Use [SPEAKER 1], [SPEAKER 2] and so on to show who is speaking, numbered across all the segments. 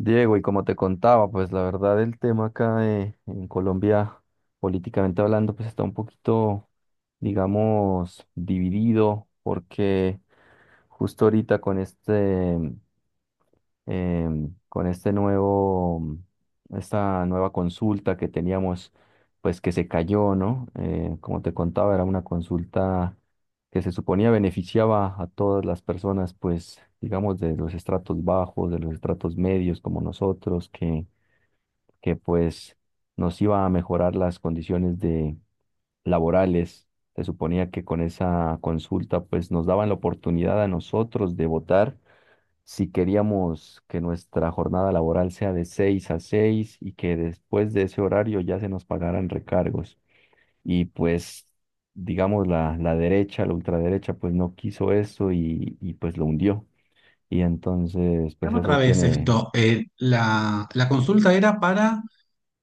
[SPEAKER 1] Diego, y como te contaba, pues la verdad el tema acá en Colombia, políticamente hablando, pues está un poquito, digamos, dividido, porque justo ahorita con este, con este nuevo, esta nueva consulta que teníamos pues que se cayó, ¿no? Como te contaba, era una consulta que se suponía beneficiaba a todas las personas, pues, digamos, de los estratos bajos, de los estratos medios como nosotros, que pues nos iba a mejorar las condiciones de laborales. Se suponía que con esa consulta pues nos daban la oportunidad a nosotros de votar si queríamos que nuestra jornada laboral sea de 6 a 6 y que después de ese horario ya se nos pagaran recargos. Y pues, digamos, la derecha, la ultraderecha, pues no quiso eso y pues lo hundió. Y entonces, pues
[SPEAKER 2] Llama otra
[SPEAKER 1] eso
[SPEAKER 2] vez
[SPEAKER 1] tiene
[SPEAKER 2] esto. La consulta era para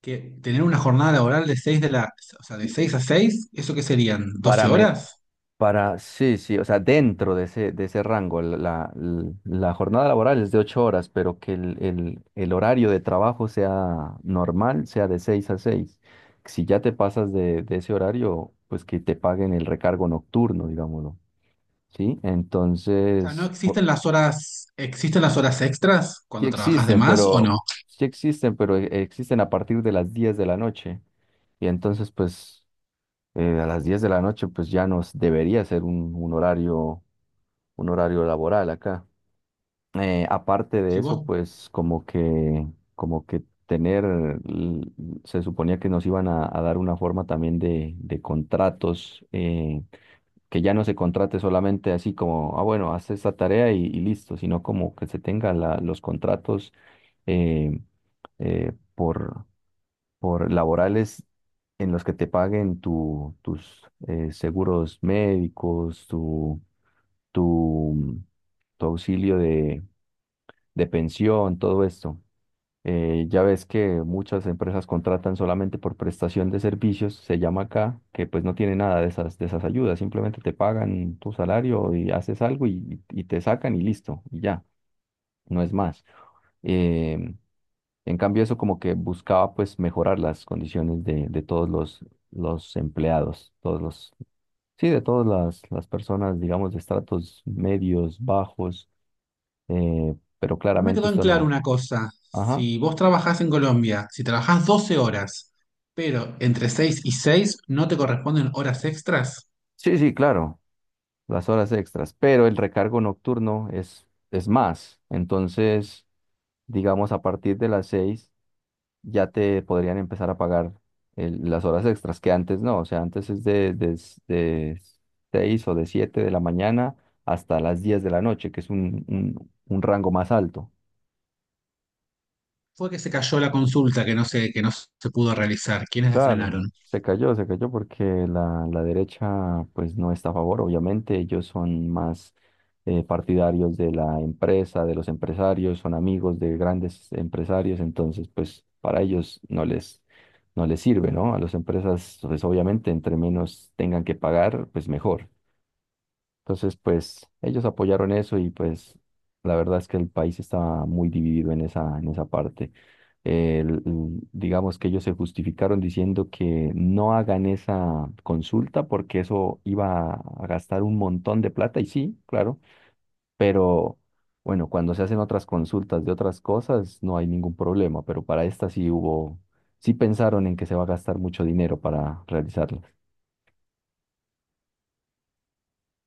[SPEAKER 2] que tener una jornada laboral de 6 de la, o sea, de 6 a 6. ¿Eso qué serían? Doce
[SPEAKER 1] para me,
[SPEAKER 2] horas?
[SPEAKER 1] para, sí, sí, o sea, dentro de ese rango, la jornada laboral es de ocho horas, pero que el horario de trabajo sea normal, sea de seis a seis. Si ya te pasas de ese horario, pues que te paguen el recargo nocturno, digámoslo, ¿sí?
[SPEAKER 2] O sea, ¿no
[SPEAKER 1] Entonces,
[SPEAKER 2] existen las horas, existen las horas extras
[SPEAKER 1] sí
[SPEAKER 2] cuando trabajas de
[SPEAKER 1] existen,
[SPEAKER 2] más o
[SPEAKER 1] pero,
[SPEAKER 2] no?
[SPEAKER 1] sí existen, existen a partir de las 10 de la noche. Y entonces, pues, a las 10 de la noche, pues ya nos debería ser un horario, un horario laboral acá. Aparte de
[SPEAKER 2] Si
[SPEAKER 1] eso,
[SPEAKER 2] vos,
[SPEAKER 1] pues como que tener, l- se suponía que nos iban a dar una forma también de contratos, que ya no se contrate solamente así como, ah, bueno, haz esta tarea y listo, sino como que se tenga los contratos, eh, eh, por, por laborales en los que te paguen tus seguros médicos, tu, tu auxilio de pensión, todo esto. Ya ves que muchas empresas contratan solamente por prestación de servicios, se llama acá, que pues no tiene nada de de esas ayudas, simplemente te pagan tu salario y haces algo y te sacan y listo, y ya, no es más. Em, en cambio, eso como que buscaba pues mejorar las condiciones de todos los empleados, todos los, sí, de todas las personas, digamos, de estratos medios, bajos, pero
[SPEAKER 2] no me
[SPEAKER 1] claramente
[SPEAKER 2] quedó en
[SPEAKER 1] esto
[SPEAKER 2] claro
[SPEAKER 1] no.
[SPEAKER 2] una cosa.
[SPEAKER 1] Ajá.
[SPEAKER 2] Si vos trabajás en Colombia, si trabajás 12 horas, pero entre 6 y 6 no te corresponden horas extras.
[SPEAKER 1] Sí, sí, claro, las horas extras, pero el recargo nocturno es más. Entonces, digamos, a partir de las seis ya te podrían empezar a pagar las horas extras, que antes no, o sea, antes es de seis o de siete de la mañana hasta las diez de la noche, que es un, un rango más alto.
[SPEAKER 2] Fue que se cayó la consulta que no se pudo realizar. ¿Quiénes la
[SPEAKER 1] Claro,
[SPEAKER 2] frenaron?
[SPEAKER 1] se cayó porque la derecha pues no está a favor, obviamente ellos son más, partidarios de la empresa, de los empresarios, son amigos de grandes empresarios, entonces pues para ellos no les, no les sirve, ¿no? A las empresas pues obviamente entre menos tengan que pagar pues mejor. Entonces, pues ellos apoyaron eso y pues la verdad es que el país estaba muy dividido en esa parte. Digamos que ellos se justificaron diciendo que no hagan esa consulta porque eso iba a gastar un montón de plata y sí, claro, pero bueno, cuando se hacen otras consultas de otras cosas no hay ningún problema, pero para esta sí hubo, sí pensaron en que se va a gastar mucho dinero para realizarla.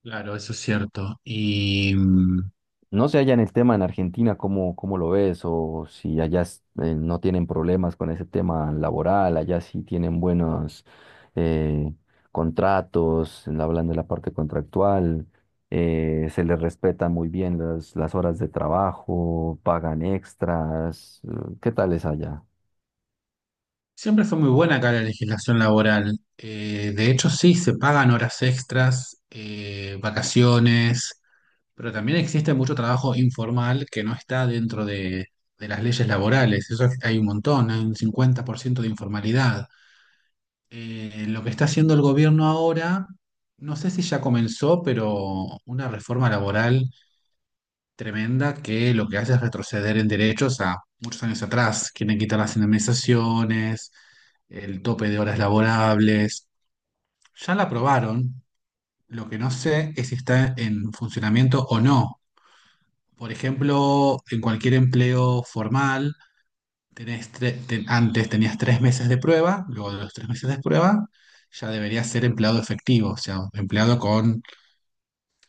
[SPEAKER 2] Claro, eso es cierto. Y
[SPEAKER 1] No sé allá en el tema en Argentina, ¿cómo, cómo lo ves? O si allá no tienen problemas con ese tema laboral, allá sí tienen buenos, eh, contratos, hablando de la parte contractual, se les respetan muy bien las horas de trabajo, pagan extras. ¿Qué tal es allá?
[SPEAKER 2] siempre fue muy buena acá la legislación laboral. De hecho, sí, se pagan horas extras, vacaciones, pero también existe mucho trabajo informal que no está dentro de las leyes laborales. Hay un montón, hay un 50% de informalidad. Lo que está haciendo el gobierno ahora, no sé si ya comenzó, pero una reforma laboral tremenda que lo que hace es retroceder en derechos a muchos años atrás. Quieren quitar las indemnizaciones, el tope de horas laborables. Ya la aprobaron. Lo que no sé es si está en funcionamiento o no. Por ejemplo, en cualquier empleo formal, antes tenías 3 meses de prueba. Luego de los 3 meses de prueba, ya deberías ser empleado efectivo, o sea, empleado con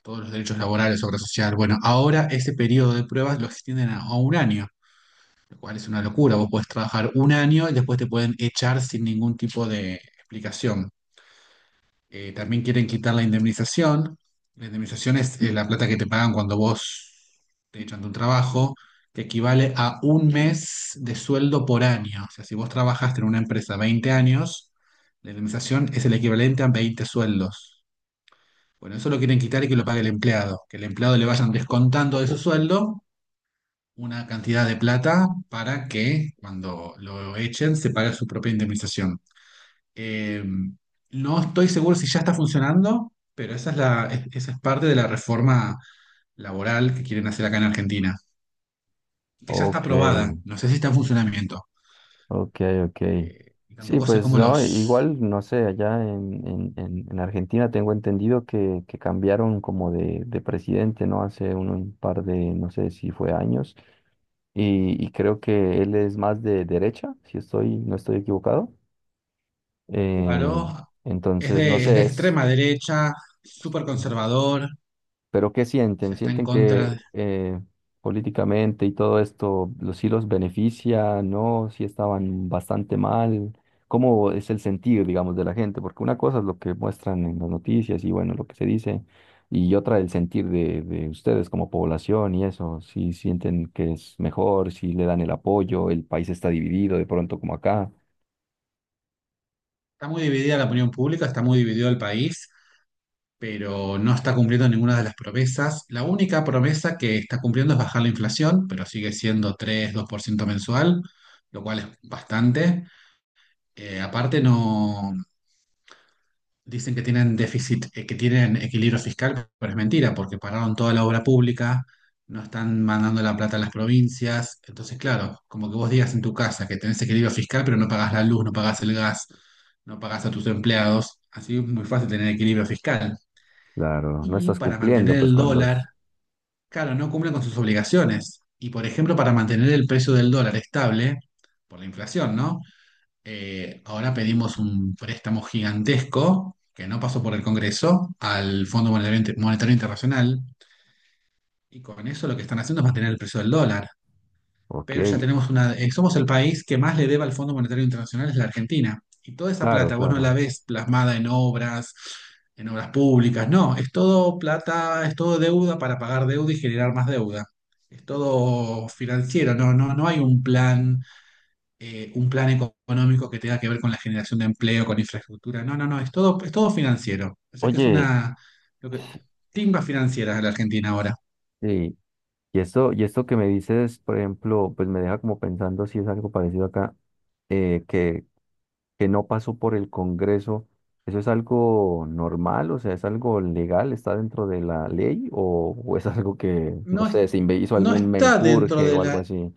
[SPEAKER 2] todos los derechos laborales, obra social. Bueno, ahora ese periodo de pruebas lo extienden a un año, lo cual es una locura. Vos podés trabajar un año y después te pueden echar sin ningún tipo de explicación. También quieren quitar la indemnización. La indemnización es la plata que te pagan cuando vos te echan de un trabajo, que equivale a un mes de sueldo por año. O sea, si vos trabajaste en una empresa 20 años, la indemnización es el equivalente a 20 sueldos. Bueno, eso lo quieren quitar y que lo pague el empleado, que el empleado le vayan descontando de su
[SPEAKER 1] O...
[SPEAKER 2] sueldo una cantidad de plata para que cuando lo echen se pague su propia indemnización. Eh, no estoy seguro si ya está funcionando, pero esa es esa es parte de la reforma laboral que quieren hacer acá en Argentina, que ya está
[SPEAKER 1] Ok.
[SPEAKER 2] aprobada, no sé si está en funcionamiento.
[SPEAKER 1] Ok, ok.
[SPEAKER 2] Y
[SPEAKER 1] Sí,
[SPEAKER 2] tampoco sé
[SPEAKER 1] pues
[SPEAKER 2] cómo
[SPEAKER 1] no,
[SPEAKER 2] los...
[SPEAKER 1] igual, no sé, allá en Argentina tengo entendido que cambiaron como de presidente, ¿no? Hace un par de, no sé si fue años, y creo que él es más de derecha, si estoy, no estoy equivocado. Eh,
[SPEAKER 2] Claro, es
[SPEAKER 1] entonces, no
[SPEAKER 2] de, es de
[SPEAKER 1] sé, es...
[SPEAKER 2] extrema derecha, súper conservador, o
[SPEAKER 1] Pero ¿qué sienten?
[SPEAKER 2] sea, está en
[SPEAKER 1] ¿Sienten que
[SPEAKER 2] contra.
[SPEAKER 1] políticamente y todo esto los sí los beneficia? ¿No? Si estaban bastante mal. ¿Cómo es el sentir, digamos, de la gente? Porque una cosa es lo que muestran en las noticias y bueno, lo que se dice, y otra el sentir de ustedes como población y eso. Si sienten que es mejor, si le dan el apoyo, el país está dividido de pronto como acá.
[SPEAKER 2] Está muy dividida la opinión pública, está muy dividido el país, pero no está cumpliendo ninguna de las promesas. La única promesa que está cumpliendo es bajar la inflación, pero sigue siendo 3,2% mensual, lo cual es bastante. Aparte, no dicen que tienen déficit, que tienen equilibrio fiscal, pero es mentira, porque pararon toda la obra pública, no están mandando la plata a las provincias. Entonces, claro, como que vos digas en tu casa que tenés equilibrio fiscal, pero no pagás la luz, no pagás el gas, no pagás a tus empleados. Así es muy fácil tener equilibrio fiscal.
[SPEAKER 1] Claro, no
[SPEAKER 2] Y
[SPEAKER 1] estás
[SPEAKER 2] para mantener
[SPEAKER 1] cumpliendo pues
[SPEAKER 2] el
[SPEAKER 1] con
[SPEAKER 2] dólar
[SPEAKER 1] los...
[SPEAKER 2] Claro, no cumplen con sus obligaciones. Y por ejemplo, para mantener el precio del dólar estable, por la inflación, ¿no? Ahora pedimos un préstamo gigantesco que no pasó por el Congreso al Fondo Monetario Internacional. Y con eso lo que están haciendo es mantener el precio del dólar,
[SPEAKER 1] Ok,
[SPEAKER 2] pero ya tenemos somos el país que más le debe al Fondo Monetario Internacional, es la Argentina. Y toda esa
[SPEAKER 1] claro,
[SPEAKER 2] plata vos no la
[SPEAKER 1] claro.
[SPEAKER 2] ves plasmada en obras públicas. No, es todo plata, es todo deuda para pagar deuda y generar más deuda. Es todo financiero, no hay un plan económico que tenga que ver con la generación de empleo, con infraestructura. No, no, no, es todo financiero. O sea que es
[SPEAKER 1] Oye,
[SPEAKER 2] una lo que, timba financiera la Argentina ahora.
[SPEAKER 1] sí. Y esto que me dices, por ejemplo, pues me deja como pensando si es algo parecido acá, eh, que, que no pasó por el Congreso. ¿Eso es algo normal? O sea, ¿es algo legal? ¿Está dentro de la ley? O es algo que, no
[SPEAKER 2] No. es-
[SPEAKER 1] sé, se hizo
[SPEAKER 2] no
[SPEAKER 1] algún
[SPEAKER 2] está dentro
[SPEAKER 1] menjurje
[SPEAKER 2] de
[SPEAKER 1] o algo
[SPEAKER 2] la
[SPEAKER 1] así?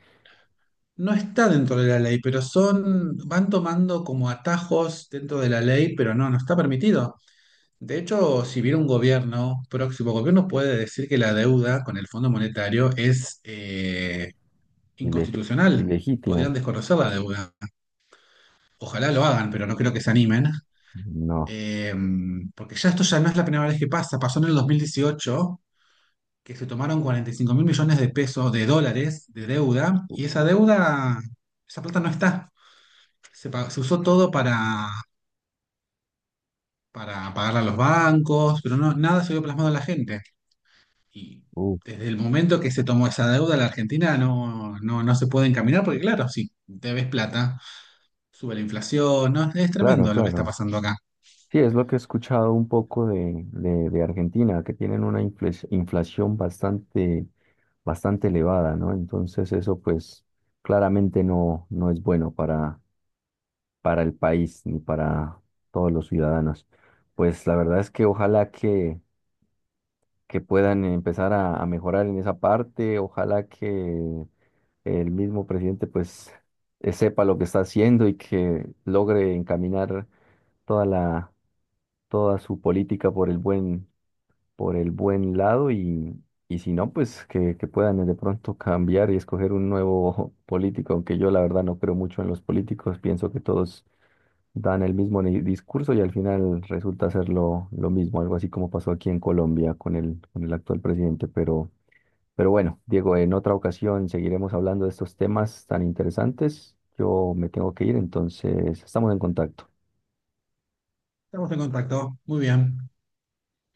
[SPEAKER 2] No está dentro de la ley, pero son, van tomando como atajos dentro de la ley, pero no, no está permitido. De hecho, si viene un gobierno, próximo gobierno puede decir que la deuda con el Fondo Monetario es
[SPEAKER 1] Ile-
[SPEAKER 2] inconstitucional.
[SPEAKER 1] ilegítimo.
[SPEAKER 2] Podrían desconocer la deuda. Ojalá lo hagan, pero no creo que se animen.
[SPEAKER 1] No.
[SPEAKER 2] Eh, Porque ya esto ya no es la primera vez que pasa. Pasó en el 2018, que se tomaron 45 mil millones de pesos, de dólares, de deuda, y esa deuda, esa plata no está. Se usó todo para, pagar a los bancos, pero no, nada se vio plasmado en la gente. Y
[SPEAKER 1] Uh,
[SPEAKER 2] desde el momento que se tomó esa deuda, la Argentina no se puede encaminar, porque claro, sí, debes plata, sube la inflación, no, es
[SPEAKER 1] claro,
[SPEAKER 2] tremendo lo que está
[SPEAKER 1] claro.
[SPEAKER 2] pasando acá.
[SPEAKER 1] Sí, es lo que he escuchado un poco de Argentina, que tienen una inflación bastante, bastante elevada, ¿no? Entonces eso pues claramente no, no es bueno para el país ni para todos los ciudadanos. Pues la verdad es que ojalá que puedan empezar a mejorar en esa parte, ojalá que el mismo presidente pues, sepa lo que está haciendo y que logre encaminar toda la toda su política por el buen, por el buen lado y si no, pues que puedan de pronto cambiar y escoger un nuevo político, aunque yo la verdad no creo mucho en los políticos, pienso que todos dan el mismo discurso y al final resulta ser lo mismo, algo así como pasó aquí en Colombia con el actual presidente, pero bueno, Diego, en otra ocasión seguiremos hablando de estos temas tan interesantes. Yo me tengo que ir, entonces estamos en contacto.
[SPEAKER 2] Estamos en contacto, muy bien.